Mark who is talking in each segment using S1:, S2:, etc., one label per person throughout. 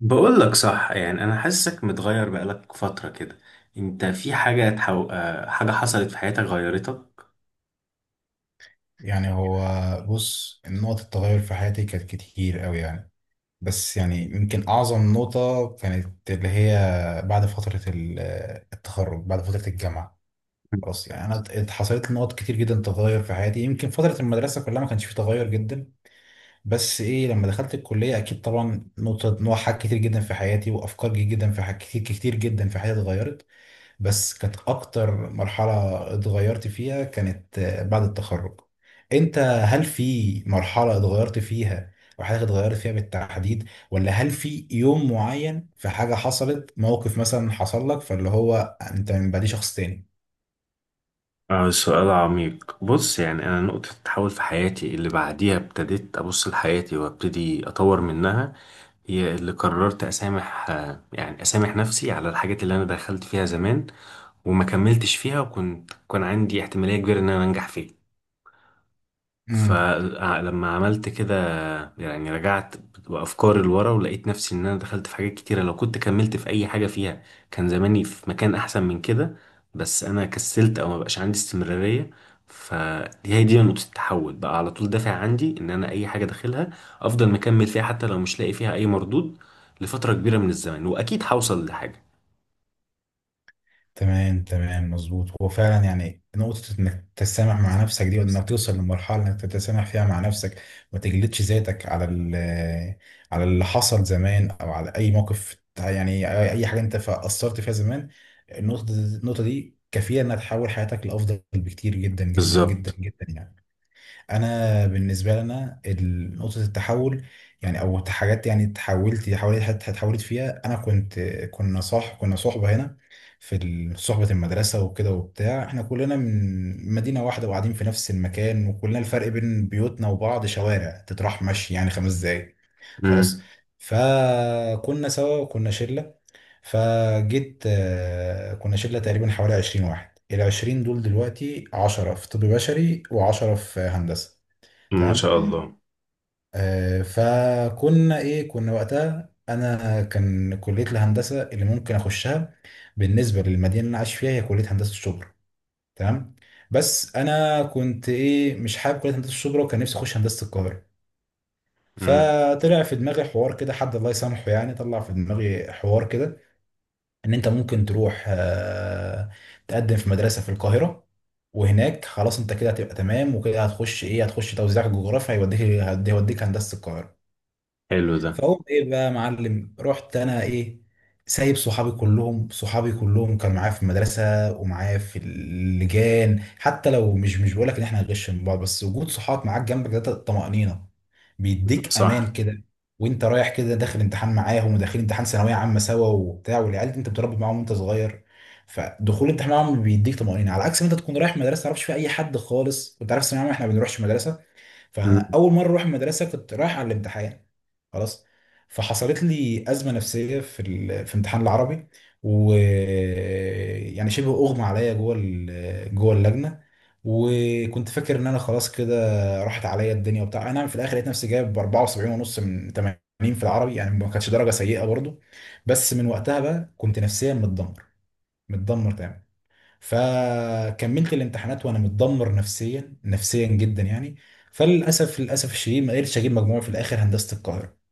S1: بقول لك صح، يعني انا حاسسك متغير بقالك فترة كده. انت في حاجة تحو... آه، حاجة حصلت في حياتك غيرتك؟
S2: يعني هو، بص، نقط التغير في حياتي كانت كتير قوي يعني. بس يعني يمكن أعظم نقطة كانت اللي هي بعد فترة التخرج، بعد فترة الجامعة. خلاص يعني أنا حصلت لي نقط كتير جدا، تغير في حياتي. يمكن فترة المدرسة كلها ما كانش فيه تغير جدا، بس إيه، لما دخلت الكلية أكيد طبعا نقطة، نوع حاجات كتير جدا في حياتي وأفكار كتير جدا في حاجات كتير كتير جدا في حياتي اتغيرت. بس كانت اكتر مرحلة اتغيرت فيها كانت بعد التخرج. انت، هل في مرحلة اتغيرت فيها او حاجة اتغيرت فيها بالتحديد، ولا هل في يوم معين في حاجة حصلت، موقف مثلا حصل لك فاللي هو انت من بعديه شخص
S1: سؤال عميق. بص، يعني انا نقطة تحول في حياتي اللي بعديها ابتديت ابص لحياتي وابتدي اطور منها هي اللي قررت اسامح، يعني اسامح نفسي على الحاجات اللي انا دخلت فيها زمان وما كملتش فيها، وكنت كان عندي احتمالية كبيرة ان انا انجح فيها.
S2: تاني؟
S1: فلما عملت كده، يعني رجعت بأفكاري لورا ولقيت نفسي إن أنا دخلت في حاجات كتيرة لو كنت كملت في أي حاجة فيها كان زماني في مكان أحسن من كده، بس أنا كسلت أو مبقاش عندي استمرارية. فدي هي دي نقطة التحول، بقى على طول دافع عندي إن أنا أي حاجة داخلها أفضل مكمل فيها حتى لو مش لاقي فيها أي مردود لفترة كبيرة من الزمن، وأكيد هوصل لحاجة.
S2: تمام تمام، مظبوط. هو فعلا يعني نقطة انك تتسامح مع نفسك دي، وانك توصل لمرحلة انك تتسامح فيها مع نفسك، ما تجلدش ذاتك على على اللي حصل زمان، او على اي موقف يعني اي حاجة انت قصرت فيها زمان. النقطة دي كفيلة انها تحول حياتك لافضل بكتير جدا جدا جدا
S1: بالظبط.
S2: جدا يعني. انا بالنسبه لنا نقطه التحول يعني او حاجات يعني اتحولت حوالي اتحولت فيها، انا كنت، كنا صحبه هنا في صحبه المدرسه وكده وبتاع. احنا كلنا من مدينه واحده وقاعدين في نفس المكان، وكلنا الفرق بين بيوتنا وبعض شوارع، تتراح مشي يعني خمس دقايق، خلاص.
S1: امم.
S2: فكنا سوا وكنا شله، فجيت كنا شله تقريبا حوالي 20 واحد، ال 20 دول دلوقتي 10 في طب بشري و10 في هندسه.
S1: ما
S2: تمام.
S1: شاء الله.
S2: آه، فكنا ايه، كنا وقتها انا كان كليه الهندسه اللي ممكن اخشها بالنسبه للمدينه اللي انا عايش فيها هي كليه هندسه الشبرا، تمام. بس انا كنت ايه، مش حابب كليه هندسه الشبرا وكان نفسي اخش هندسه القاهره.
S1: امم.
S2: فطلع في دماغي حوار كده، حد الله يسامحه، يعني طلع في دماغي حوار كده ان انت ممكن تروح تقدم في مدرسه في القاهره، وهناك خلاص انت كده هتبقى تمام، وكده هتخش ايه، هتخش توزيع جغرافيا، هيوديك هيوديك هندسه القاهره.
S1: حلو ده.
S2: فاقوم ايه بقى يا معلم، رحت انا ايه، سايب صحابي كلهم. صحابي كلهم كانوا معايا في المدرسه ومعايا في اللجان، حتى لو مش بقول لك ان احنا هنغش من بعض، بس وجود صحاب معاك جنبك ده طمأنينه، بيديك امان
S1: صح.
S2: كده. وانت رايح كده داخل امتحان معاهم وداخلين امتحان ثانويه عامه سوا وبتاع، والعيال دي انت بتربي معاهم وانت صغير. فدخول الامتحان معاهم بيديك طمأنينه، على عكس ما انت تكون رايح مدرسه ما تعرفش فيها اي حد خالص، وانت عارف ثانويه عامه احنا ما بنروحش مدرسه، فانا اول مره اروح المدرسه كنت رايح على الامتحان، خلاص. فحصلت لي ازمه نفسيه في في امتحان العربي، و يعني شبه اغمى عليا جوه جوه اللجنه، وكنت فاكر ان انا خلاص كده راحت عليا الدنيا وبتاع. انا في الاخر لقيت نفسي جايب 74 ونص من 80 في العربي، يعني ما كانتش درجه سيئه برضو، بس من وقتها بقى كنت نفسيا متدمر، متدمر تمام. فكملت الامتحانات وانا متدمر نفسيا، نفسيا جدا يعني. فللاسف الشديد ما قدرتش اجيب مجموع في الاخر هندسه القاهره،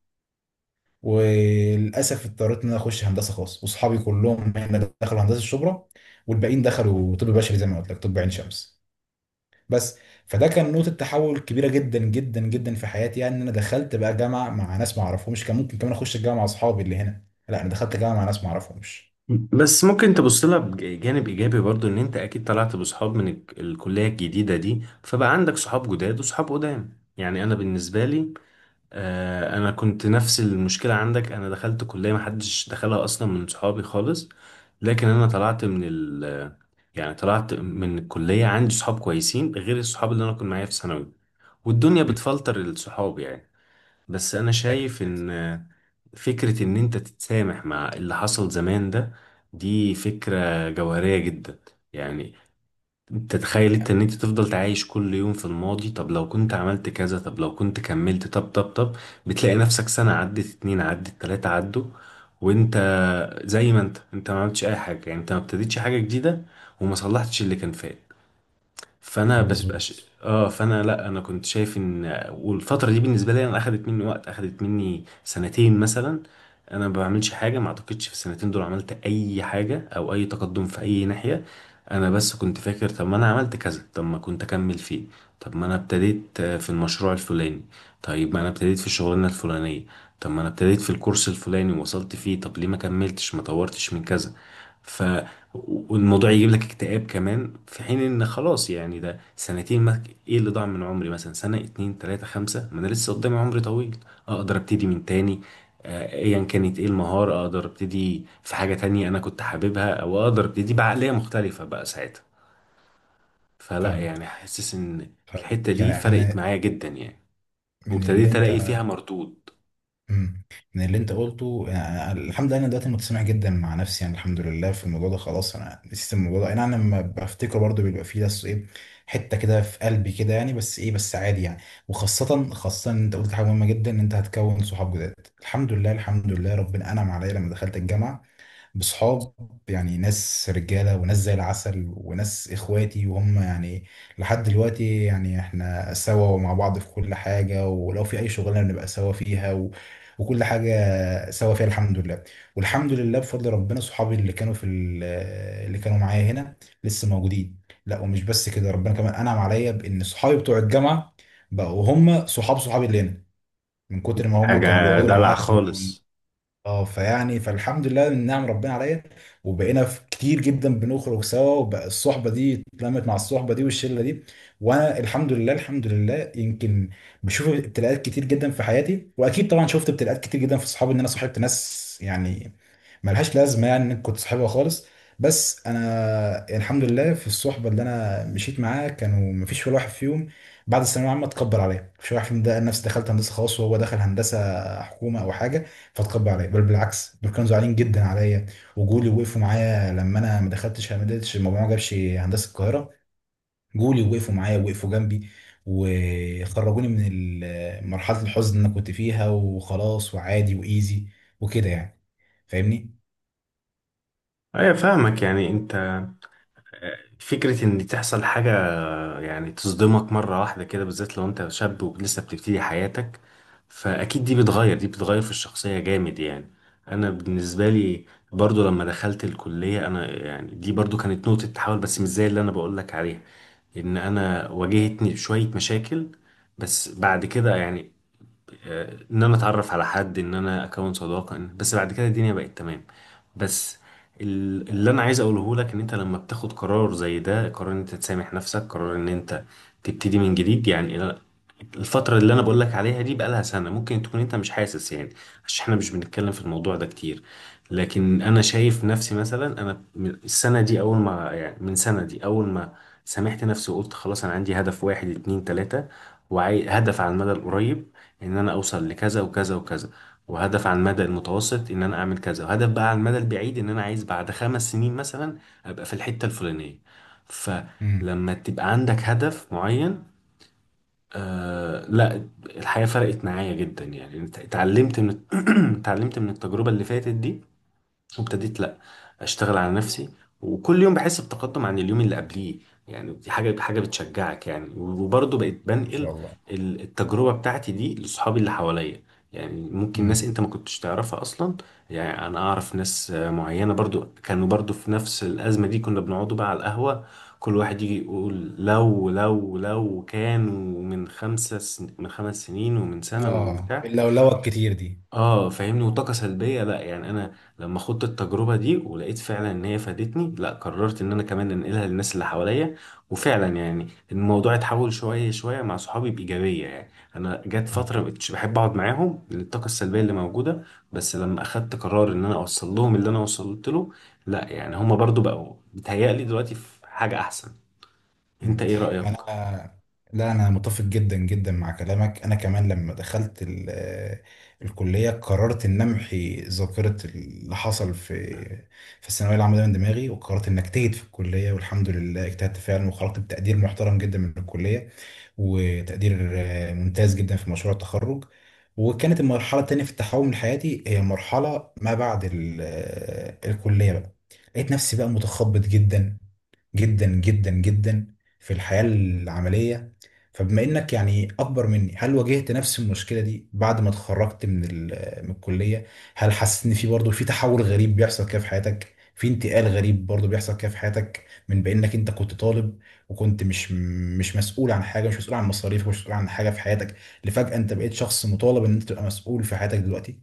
S2: وللاسف اضطريت ان انا اخش هندسه خاص، واصحابي كلهم هنا دخلوا هندسه الشبرا، والباقيين دخلوا طب بشري زي ما قلت لك، طب عين شمس، بس. فده كان نقطة تحول كبيرة جدا جدا جدا في حياتي يعني، ان انا دخلت بقى جامعة مع ناس ما اعرفهمش. كان ممكن كمان اخش الجامعة مع اصحابي اللي هنا، لا انا دخلت جامعة مع ناس ما اعرفهمش.
S1: بس ممكن تبص لها بجانب ايجابي برضو، ان انت اكيد طلعت بصحاب من الكليه الجديده دي، فبقى عندك صحاب جداد وصحاب قدام. يعني انا بالنسبه لي، انا كنت نفس المشكله عندك، انا دخلت كليه ما حدش دخلها اصلا من صحابي خالص، لكن انا طلعت من الكليه عندي صحاب كويسين غير الصحاب اللي انا كنت معايا في ثانوي. والدنيا
S2: مم.
S1: بتفلتر الصحاب يعني. بس انا
S2: أكيد.
S1: شايف ان فكرة إن أنت تتسامح مع اللي حصل زمان ده، دي فكرة جوهرية جدا. يعني أنت تخيل أنت إن أنت تفضل تعايش كل يوم في الماضي؟ طب لو كنت عملت كذا، طب لو كنت كملت، طب طب طب بتلاقي نفسك سنة عدت، اتنين عدت، تلاتة عدوا، وأنت زي ما أنت ما عملتش أي حاجة، يعني أنت ما ابتديتش حاجة جديدة وما صلحتش اللي كان فات. فانا
S2: مظبوط.
S1: بتبقاش اه فانا لا، انا كنت شايف ان، والفتره دي بالنسبه لي انا اخدت مني وقت، اخدت مني سنتين مثلا انا ما بعملش حاجه، ما اعتقدش في السنتين دول عملت اي حاجه او اي تقدم في اي ناحيه. انا بس كنت فاكر طب ما انا عملت كذا، طب ما كنت اكمل فيه، طب ما انا ابتديت في المشروع الفلاني، طيب ما انا ابتديت في الشغلانه الفلانيه، طب ما انا ابتديت في الكورس الفلاني ووصلت فيه، طب ليه ما كملتش، ما طورتش من كذا؟ ف والموضوع يجيب لك اكتئاب كمان، في حين ان خلاص يعني ده سنتين، ما، ايه اللي ضاع من عمري؟ مثلا سنة، اتنين، تلاتة، خمسة، ما انا لسه قدامي عمري طويل اقدر ابتدي من تاني. ايا كانت ايه المهارة اقدر ابتدي في حاجة تانية انا كنت حاببها، او اقدر ابتدي بعقلية مختلفة بقى ساعتها. فلا،
S2: فاهمك
S1: يعني حاسس ان الحتة
S2: فاهمك
S1: دي
S2: يعني
S1: فرقت
S2: انا،
S1: معايا جدا يعني،
S2: من اللي
S1: وابتديت الاقي
S2: انت،
S1: فيها مردود.
S2: مم. من اللي انت قلته، يعني الحمد لله انا دلوقتي متسامح جدا مع نفسي، يعني الحمد لله في الموضوع ده خلاص، انا نسيت الموضوع ده. يعني انا لما بفتكره برضه بيبقى فيه بس ايه، حته كده في قلبي كده يعني، بس ايه بس عادي يعني. وخاصه خاصه ان انت قلت حاجه مهمه جدا، ان انت هتكون صحاب جداد. الحمد لله الحمد لله ربنا انعم عليا لما دخلت الجامعه بصحاب، يعني ناس رجالة وناس زي العسل وناس إخواتي وهم يعني لحد دلوقتي يعني إحنا سوا ومع بعض في كل حاجة، ولو في أي شغلانة بنبقى سوا فيها و... وكل حاجة سوا فيها، الحمد لله. والحمد لله بفضل ربنا صحابي اللي كانوا في اللي كانوا معايا هنا لسه موجودين. لا ومش بس كده، ربنا كمان أنعم عليا بإن صحابي بتوع الجامعة بقوا هم صحاب صحابي اللي هنا، من كتر ما هم كانوا
S1: حاجة
S2: بيقعدوا
S1: دلع
S2: معاهم.
S1: خالص.
S2: اه، فيعني فالحمد لله من نعم ربنا عليا. وبقينا في كتير جدا بنخرج سوا، وبقى الصحبه دي اتلمت مع الصحبه دي والشله دي. وانا الحمد لله الحمد لله، يمكن بشوف ابتلاءات كتير جدا في حياتي، واكيد طبعا شفت ابتلاءات كتير جدا في صحابي، ان انا صاحبت ناس يعني ملهاش لازمه يعني إن كنت صاحبها خالص. بس انا الحمد لله في الصحبه اللي انا مشيت معاها كانوا مفيش ولا واحد فيهم بعد الثانويه العامه اتكبر عليا. مفيش واحد فيهم ده نفسي دخلت هندسه خاص وهو دخل هندسه حكومه او حاجه فاتكبر عليا، بل بالعكس دول كانوا زعلانين جدا عليا، وجولي وقفوا معايا لما انا ما دخلتش، ما قدرتش المجموعه ما جابش هندسه القاهره. جولي وقفوا معايا، وقفوا جنبي، وخرجوني من مرحله الحزن اللي انا كنت فيها. وخلاص وعادي وايزي وكده يعني، فاهمني.
S1: ايوه فاهمك. يعني انت، فكرة إن تحصل حاجة يعني تصدمك مرة واحدة كده، بالذات لو أنت شاب ولسه بتبتدي حياتك، فأكيد دي بتغير، دي بتغير في الشخصية جامد يعني. أنا بالنسبة لي برضو لما دخلت الكلية أنا، يعني دي برضو كانت نقطة تحول، بس مش زي اللي أنا بقولك عليها. إن أنا واجهتني شوية مشاكل، بس بعد كده يعني، ان انا اتعرف على حد، ان انا اكون صداقه. بس بعد كده الدنيا بقت تمام. بس اللي انا عايز اقوله لك ان انت لما بتاخد قرار زي ده، قرار ان انت تسامح نفسك، قرار ان انت تبتدي من جديد، يعني الفتره اللي انا بقول لك عليها دي بقالها سنه، ممكن تكون انت مش حاسس يعني، عشان احنا مش بنتكلم في الموضوع ده كتير، لكن انا شايف نفسي مثلا انا من السنه دي اول ما، يعني من سنه دي اول ما سامحت نفسي وقلت خلاص انا عندي هدف واحد اتنين تلاته، وهدف على المدى القريب ان انا اوصل لكذا وكذا وكذا، وهدف على المدى المتوسط ان انا اعمل كذا، وهدف بقى على المدى البعيد ان انا عايز بعد 5 سنين مثلا ابقى في الحتة الفلانية.
S2: امم.
S1: فلما تبقى عندك هدف معين، آه لا الحياة فرقت معايا جدا يعني، اتعلمت من اتعلمت من التجربة اللي فاتت دي، وابتديت لا اشتغل على نفسي، وكل يوم بحس بتقدم عن اليوم اللي قبليه. يعني دي حاجه بتشجعك يعني. وبرضه بقيت
S2: ان شاء
S1: بنقل
S2: الله.
S1: التجربه بتاعتي دي لاصحابي اللي حواليا. يعني ممكن ناس
S2: امم.
S1: انت ما كنتش تعرفها اصلا، يعني انا اعرف ناس معينه برضو كانوا برضو في نفس الازمه دي، كنا بنقعدوا بقى على القهوه، كل واحد يجي يقول لو لو لو كانوا من خمس سنين ومن سنة ومن
S2: اه،
S1: بتاع.
S2: اللولوه الكتير دي.
S1: اه فاهمني. وطاقة سلبية. لا يعني انا لما خدت التجربة دي ولقيت فعلا ان هي فادتني، لا قررت ان انا كمان انقلها للناس اللي حواليا. وفعلا يعني الموضوع اتحول شوية شوية مع صحابي بإيجابية يعني. انا جت
S2: إمم.
S1: فترة مبقتش بحب اقعد معاهم للطاقة السلبية اللي موجودة، بس لما اخدت قرار ان انا اوصل لهم اللي انا وصلت له، لا يعني هما برضو بقوا بيتهيألي دلوقتي في حاجة احسن. انت
S2: مم.
S1: ايه رأيك؟
S2: انا، لا انا متفق جدا جدا مع كلامك. انا كمان لما دخلت الكليه قررت ان امحي ذاكره اللي حصل في في الثانويه العامه ده من دماغي، وقررت ان اجتهد في الكليه، والحمد لله اجتهدت فعلا وخرجت بتقدير محترم جدا من الكليه، وتقدير ممتاز جدا في مشروع التخرج. وكانت المرحله التانيه في التحول حياتي هي مرحله ما بعد الكليه بقى. لقيت نفسي بقى متخبط جدا جدا جدا جدا في الحياة العملية. فبما انك يعني اكبر مني، هل واجهت نفس المشكلة دي بعد ما اتخرجت من من الكلية؟ هل حسيت ان في برضه في تحول غريب بيحصل كده في حياتك، في انتقال غريب برضه بيحصل كده في حياتك، من بانك انت كنت طالب وكنت مش مسؤول عن حاجة، مش مسؤول عن مصاريفك، مش مسؤول عن حاجة في حياتك، لفجأة انت بقيت شخص مطالب ان انت تبقى مسؤول في حياتك دلوقتي؟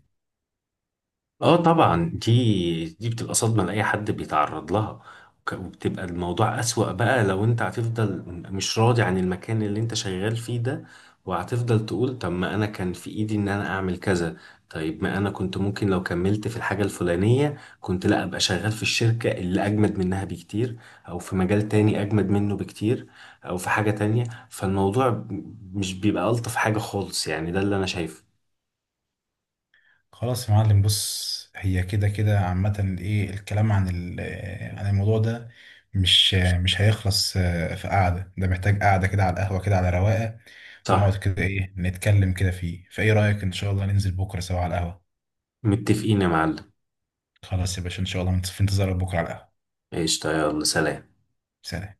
S1: اه طبعا، دي بتبقى صدمة لأي حد بيتعرض لها. وبتبقى الموضوع أسوأ بقى لو انت هتفضل مش راضي عن المكان اللي انت شغال فيه ده، وهتفضل تقول طب ما انا كان في ايدي ان انا اعمل كذا، طيب ما انا كنت ممكن لو كملت في الحاجة الفلانية كنت لا ابقى شغال في الشركة اللي اجمد منها بكتير، او في مجال تاني اجمد منه بكتير، او في حاجة تانية. فالموضوع مش بيبقى ألطف حاجة خالص يعني، ده اللي انا شايفه.
S2: خلاص يا معلم، بص، هي كده كده عامة ايه الكلام عن عن الموضوع ده مش هيخلص. في قعدة، ده محتاج قعدة كده على القهوة، كده على رواقة. ونقعد
S1: صح.
S2: كده ايه نتكلم كده فيه، فايه رأيك ان شاء الله ننزل بكرة سوا على القهوة؟
S1: متفقين يا معلم.
S2: خلاص يا باشا، ان شاء الله في انتظارك بكرة على القهوة.
S1: قشطة، يلا سلام.
S2: سلام.